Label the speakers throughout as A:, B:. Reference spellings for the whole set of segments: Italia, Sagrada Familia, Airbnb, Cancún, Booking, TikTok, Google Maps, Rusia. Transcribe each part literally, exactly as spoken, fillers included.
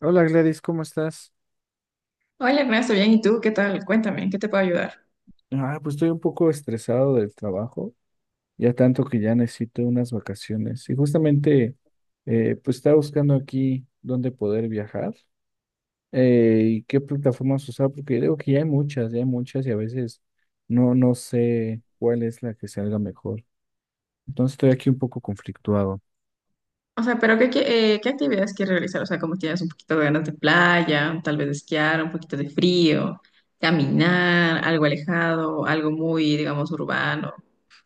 A: Hola Gladys, ¿cómo estás?
B: Hola Ernesto, bien, ¿y tú qué tal? Cuéntame, ¿en qué te puedo ayudar?
A: Ah, pues estoy un poco estresado del trabajo, ya tanto que ya necesito unas vacaciones. Y justamente, eh, pues estaba buscando aquí dónde poder viajar eh, y qué plataformas usar, porque digo que ya hay muchas, ya hay muchas y a veces no, no sé cuál es la que salga mejor. Entonces estoy aquí un poco conflictuado.
B: O sea, pero ¿qué, qué, eh, qué actividades quieres realizar? O sea, como tienes un poquito de ganas de playa, tal vez de esquiar, un poquito de frío, caminar, algo alejado, algo muy, digamos, urbano.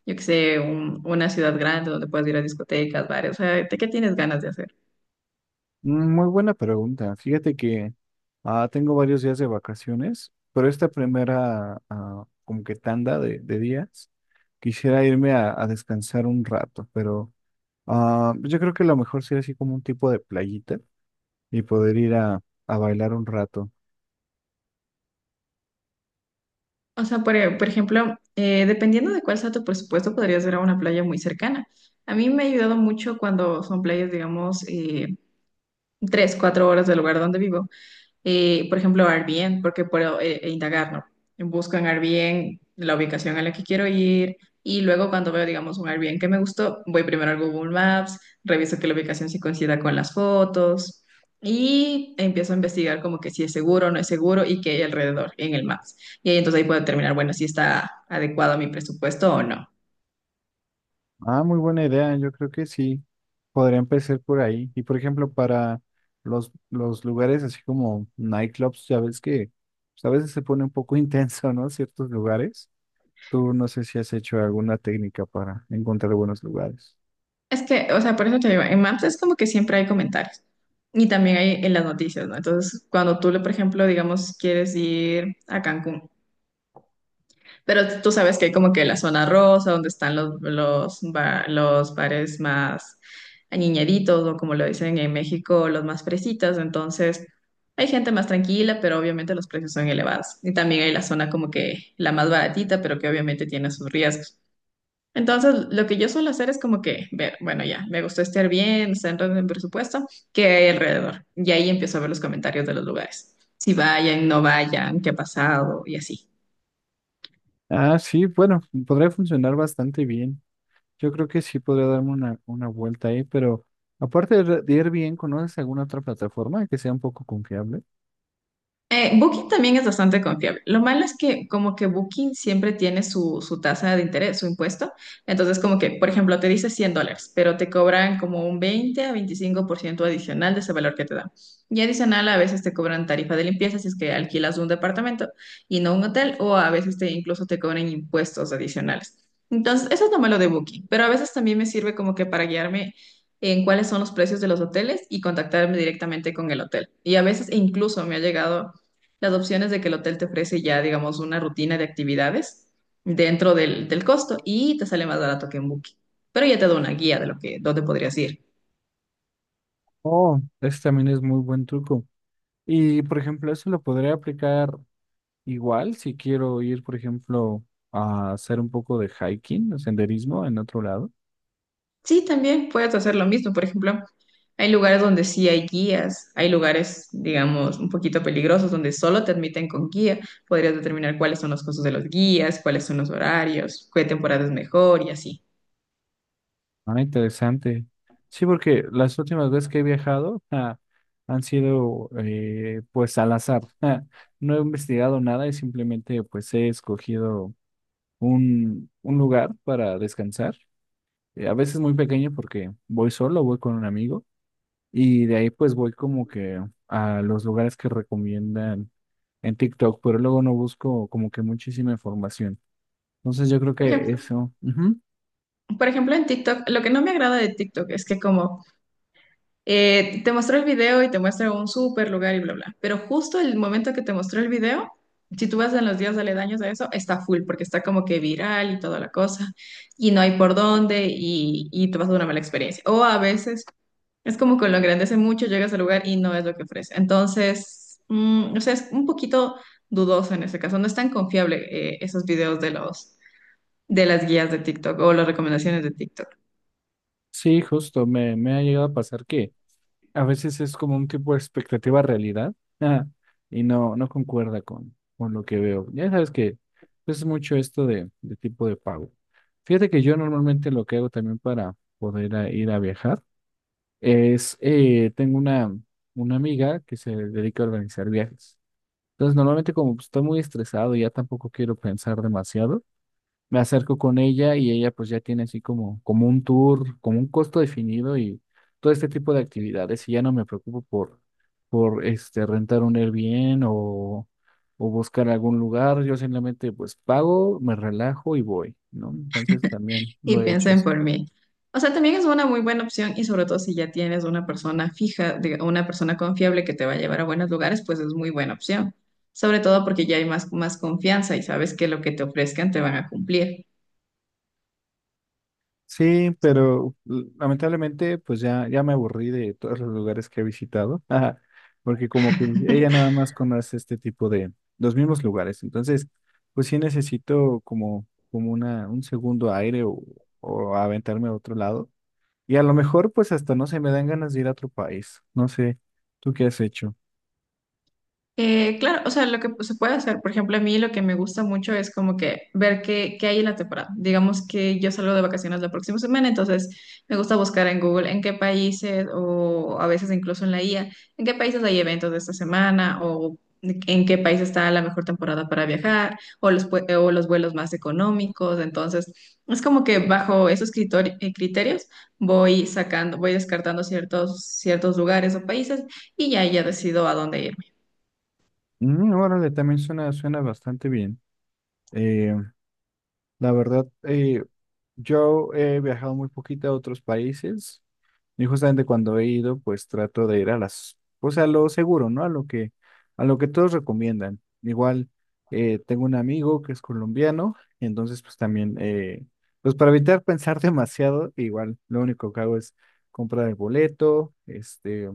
B: Yo qué sé, un- una ciudad grande donde puedas ir a discotecas, bares. O sea, ¿de qué tienes ganas de hacer?
A: Muy buena pregunta. Fíjate que ah, tengo varios días de vacaciones, pero esta primera ah, como que tanda de, de días quisiera irme a, a descansar un rato, pero ah, pues yo creo que lo mejor sería así como un tipo de playita y poder ir a, a bailar un rato.
B: O sea, por, e- por ejemplo, eh, dependiendo de cuál sea tu presupuesto, podrías ir a una playa muy cercana. A mí me ha ayudado mucho cuando son playas, digamos, eh, tres, cuatro horas del lugar donde vivo eh, por ejemplo, Airbnb, porque puedo eh, eh, indagar, ¿no? Busco en Airbnb la ubicación a la que quiero ir y luego cuando veo, digamos, un Airbnb que me gustó, voy primero al Google Maps, reviso que la ubicación sí coincida con las fotos y empiezo a investigar como que si es seguro o no es seguro y qué hay alrededor en el Maps. Y ahí entonces ahí puedo determinar, bueno, si está adecuado a mi presupuesto o no.
A: Ah, muy buena idea. Yo creo que sí. Podría empezar por ahí. Y por ejemplo, para los, los lugares así como nightclubs, ya ves que pues, a veces se pone un poco intenso, ¿no? Ciertos lugares. Tú no sé si has hecho alguna técnica para encontrar buenos lugares.
B: Es que, o sea, por eso te digo, en Maps es como que siempre hay comentarios y también hay en las noticias, ¿no? Entonces, cuando tú, por ejemplo, digamos, quieres ir a Cancún, pero tú sabes que hay como que la zona rosa, donde están los, los, ba- los bares más añeñaditos o como lo dicen en México, los más fresitas, entonces hay gente más tranquila, pero obviamente los precios son elevados. Y también hay la zona como que la más baratita, pero que obviamente tiene sus riesgos. Entonces, lo que yo suelo hacer es como que ver, bueno, ya, me gustó estar bien, está entrando en orden, presupuesto, ¿qué hay alrededor? Y ahí empiezo a ver los comentarios de los lugares. Si vayan, no vayan, qué ha pasado y así.
A: Ah, sí, bueno, podría funcionar bastante bien. Yo creo que sí podría darme una, una vuelta ahí, pero aparte de re- de Airbnb, ¿conoces alguna otra plataforma que sea un poco confiable?
B: Eh, Booking también es bastante confiable. Lo malo es que como que Booking siempre tiene su, su tasa de interés, su impuesto. Entonces como que, por ejemplo, te dice cien dólares, pero te cobran como un veinte a veinticinco por ciento adicional de ese valor que te dan. Y adicional a veces te cobran tarifa de limpieza si es que alquilas un departamento y no un hotel, o a veces te incluso te cobran impuestos adicionales. Entonces, eso es lo malo de Booking, pero a veces también me sirve como que para guiarme en cuáles son los precios de los hoteles y contactarme directamente con el hotel. Y a veces incluso me ha llegado las opciones de que el hotel te ofrece ya, digamos, una rutina de actividades dentro del, del costo y te sale más barato que en Booking. Pero ya te da una guía de lo que, dónde podrías ir.
A: Oh, ese también es muy buen truco. Y, por ejemplo, eso lo podría aplicar igual si quiero ir, por ejemplo, a hacer un poco de hiking o senderismo en otro lado.
B: Sí, también puedes hacer lo mismo. Por ejemplo, hay lugares donde sí hay guías, hay lugares, digamos, un poquito peligrosos donde solo te admiten con guía. Podrías determinar cuáles son los costos de los guías, cuáles son los horarios, qué temporada es mejor y así.
A: Ah, interesante. Sí, porque las últimas veces que he viajado ah, han sido eh, pues al azar. Ah, no he investigado nada y simplemente pues he escogido un, un lugar para descansar. Eh, a veces muy pequeño porque voy solo, voy con un amigo y de ahí pues voy como que a los lugares que recomiendan en TikTok, pero luego no busco como que muchísima información. Entonces yo creo
B: Por
A: que
B: ejemplo,
A: eso. Ujú.
B: por ejemplo, en TikTok, lo que no me agrada de TikTok es que como Eh, te mostró el video y te muestra un súper lugar y bla, bla. Pero justo el momento que te mostró el video, si tú vas en los días aledaños a eso, está full porque está como que viral y toda la cosa y no hay por dónde y, y te vas a una mala experiencia. O a veces es como que lo engrandece mucho, llegas al lugar y no es lo que ofrece. Entonces, mm, o sea, es un poquito dudoso en ese caso. No es tan confiable eh, esos videos de los, de las guías de TikTok o las recomendaciones de TikTok.
A: Sí, justo, me, me ha llegado a pasar que a veces es como un tipo de expectativa realidad ah, y no, no concuerda con, con lo que veo. Ya sabes que es mucho esto de, de tipo de pago. Fíjate que yo normalmente lo que hago también para poder a- ir a viajar es, eh, tengo una, una amiga que se dedica a organizar viajes. Entonces, normalmente como pues, estoy muy estresado y ya tampoco quiero pensar demasiado, me acerco con ella y ella pues ya tiene así como, como un tour, como un costo definido y todo este tipo de actividades y ya no me preocupo por, por este, rentar un Airbnb o, o buscar algún lugar, yo simplemente pues pago, me relajo y voy, ¿no? Entonces también lo
B: Y
A: he hecho.
B: piensen por mí. O sea, también es una muy buena opción y sobre todo si ya tienes una persona fija, diga- una persona confiable que te va a llevar a buenos lugares, pues es muy buena opción. Sobre todo porque ya hay más, más confianza y sabes que lo que te ofrezcan te van a cumplir.
A: Sí, pero l- lamentablemente pues ya, ya me aburrí de todos los lugares que he visitado, porque como que ella nada más conoce este tipo de los mismos lugares, entonces pues sí necesito como, como una, un segundo aire o, o aventarme a otro lado y a lo mejor pues hasta no se me dan ganas de ir a otro país, no sé, ¿tú qué has hecho?
B: Eh, claro, o sea, lo que se puede hacer, por ejemplo, a mí lo que me gusta mucho es como que ver qué, qué hay en la temporada. Digamos que yo salgo de vacaciones la próxima semana, entonces me gusta buscar en Google en qué países o a veces incluso en la I A, en qué países hay eventos de esta semana o en qué país está la mejor temporada para viajar o los, pue- o los vuelos más económicos. Entonces, es como que bajo esos critori- eh, criterios voy sacando, voy descartando ciertos, ciertos lugares o países y ya, ya decido a dónde ir.
A: Mm, órale, también suena, suena bastante bien. Eh, la verdad, eh, yo he viajado muy poquito a otros países. Y justamente cuando he ido, pues trato de ir a las, pues a lo seguro, ¿no? A lo que, a lo que todos recomiendan. Igual, eh, tengo un amigo que es colombiano, y entonces pues también, eh, pues para evitar pensar demasiado, igual lo único que hago es comprar el boleto, este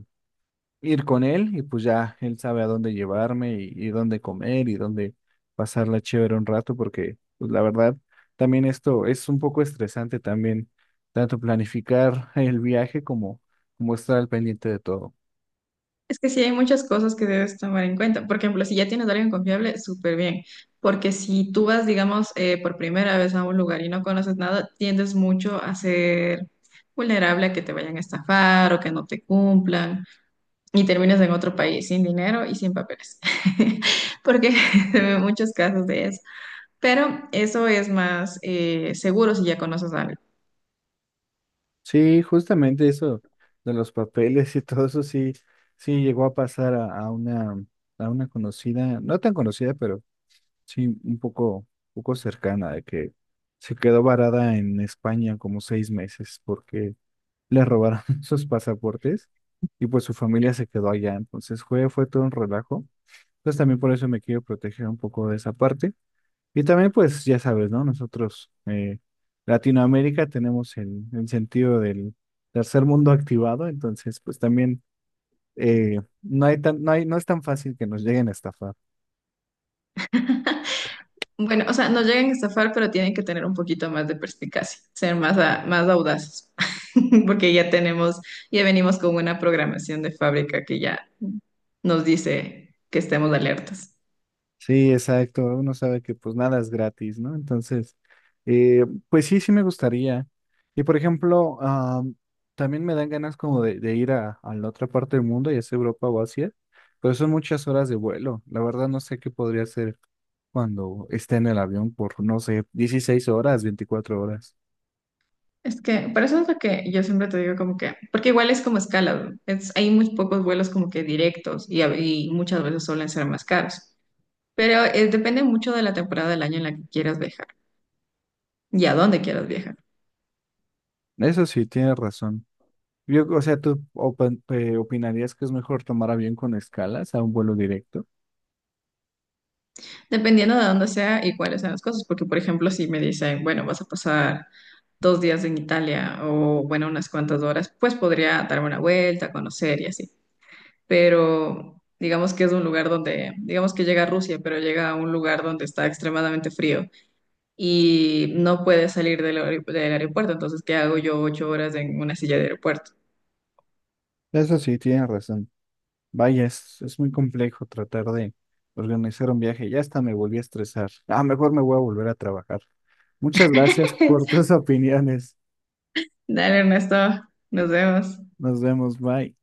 A: ir con él y pues ya él sabe a dónde llevarme y, y dónde comer y dónde pasarla chévere un rato porque pues la verdad también esto es un poco estresante también tanto planificar el viaje como como estar al pendiente de todo.
B: Es que sí hay muchas cosas que debes tomar en cuenta. Por ejemplo, si ya tienes a alguien confiable, súper bien. Porque si tú vas, digamos, eh, por primera vez a un lugar y no conoces nada, tiendes mucho a ser vulnerable a que te vayan a estafar o que no te cumplan y terminas en otro país sin dinero y sin papeles. Porque se ven muchos casos de eso. Pero eso es más eh, seguro si ya conoces a alguien.
A: Sí, justamente eso de los papeles y todo eso sí sí llegó a pasar a, a una a una conocida, no tan conocida, pero sí un poco poco cercana de que se quedó varada en España como seis meses porque le robaron sus pasaportes y pues su familia se quedó allá. Entonces fue, fue todo un relajo. Entonces también por eso me quiero proteger un poco de esa parte. Y también pues ya sabes, ¿no? Nosotros, eh, Latinoamérica, tenemos el, el sentido del tercer mundo activado, entonces pues también eh, no hay tan, no hay, no es tan fácil que nos lleguen a estafar.
B: Bueno, o sea, no llegan a estafar, pero tienen que tener un poquito más de perspicacia, ser más, a- más audaces, porque ya tenemos, ya venimos con una programación de fábrica que ya nos dice que estemos alertas.
A: Sí, exacto. Uno sabe que pues nada es gratis, ¿no? Entonces, eh, pues sí, sí me gustaría. Y por ejemplo, ah, también me dan ganas como de, de ir a, a la otra parte del mundo, ya sea Europa o Asia, pero son muchas horas de vuelo. La verdad no sé qué podría hacer cuando esté en el avión por, no sé, dieciséis horas, veinticuatro horas.
B: Es que, por eso es lo que yo siempre te digo como que, porque igual es como escala, ¿no? es, hay muy pocos vuelos como que directos y, a- y muchas veces suelen ser más caros, pero eh, depende mucho de la temporada del año en la que quieras viajar y a dónde quieras viajar.
A: Eso sí, tienes razón. Yo, o sea, ¿tú opin- eh, opinarías que es mejor tomar avión con escalas a un vuelo directo?
B: Dependiendo de dónde sea y cuáles sean las cosas, porque por ejemplo, si me dicen, bueno, vas a pasar dos días en Italia o bueno, unas cuantas horas, pues podría darme una vuelta, conocer y así. Pero digamos que es un lugar donde, digamos que llega a Rusia, pero llega a un lugar donde está extremadamente frío y no puedes salir del, aer- del aeropuerto, entonces, ¿qué hago yo ocho horas en una silla de aeropuerto?
A: Eso sí, tienes razón. Vaya, es, es muy complejo tratar de organizar un viaje. Ya hasta me volví a estresar. Ah, mejor me voy a volver a trabajar. Muchas gracias por tus opiniones.
B: Dale, Ernesto, nos vemos.
A: Nos vemos, bye.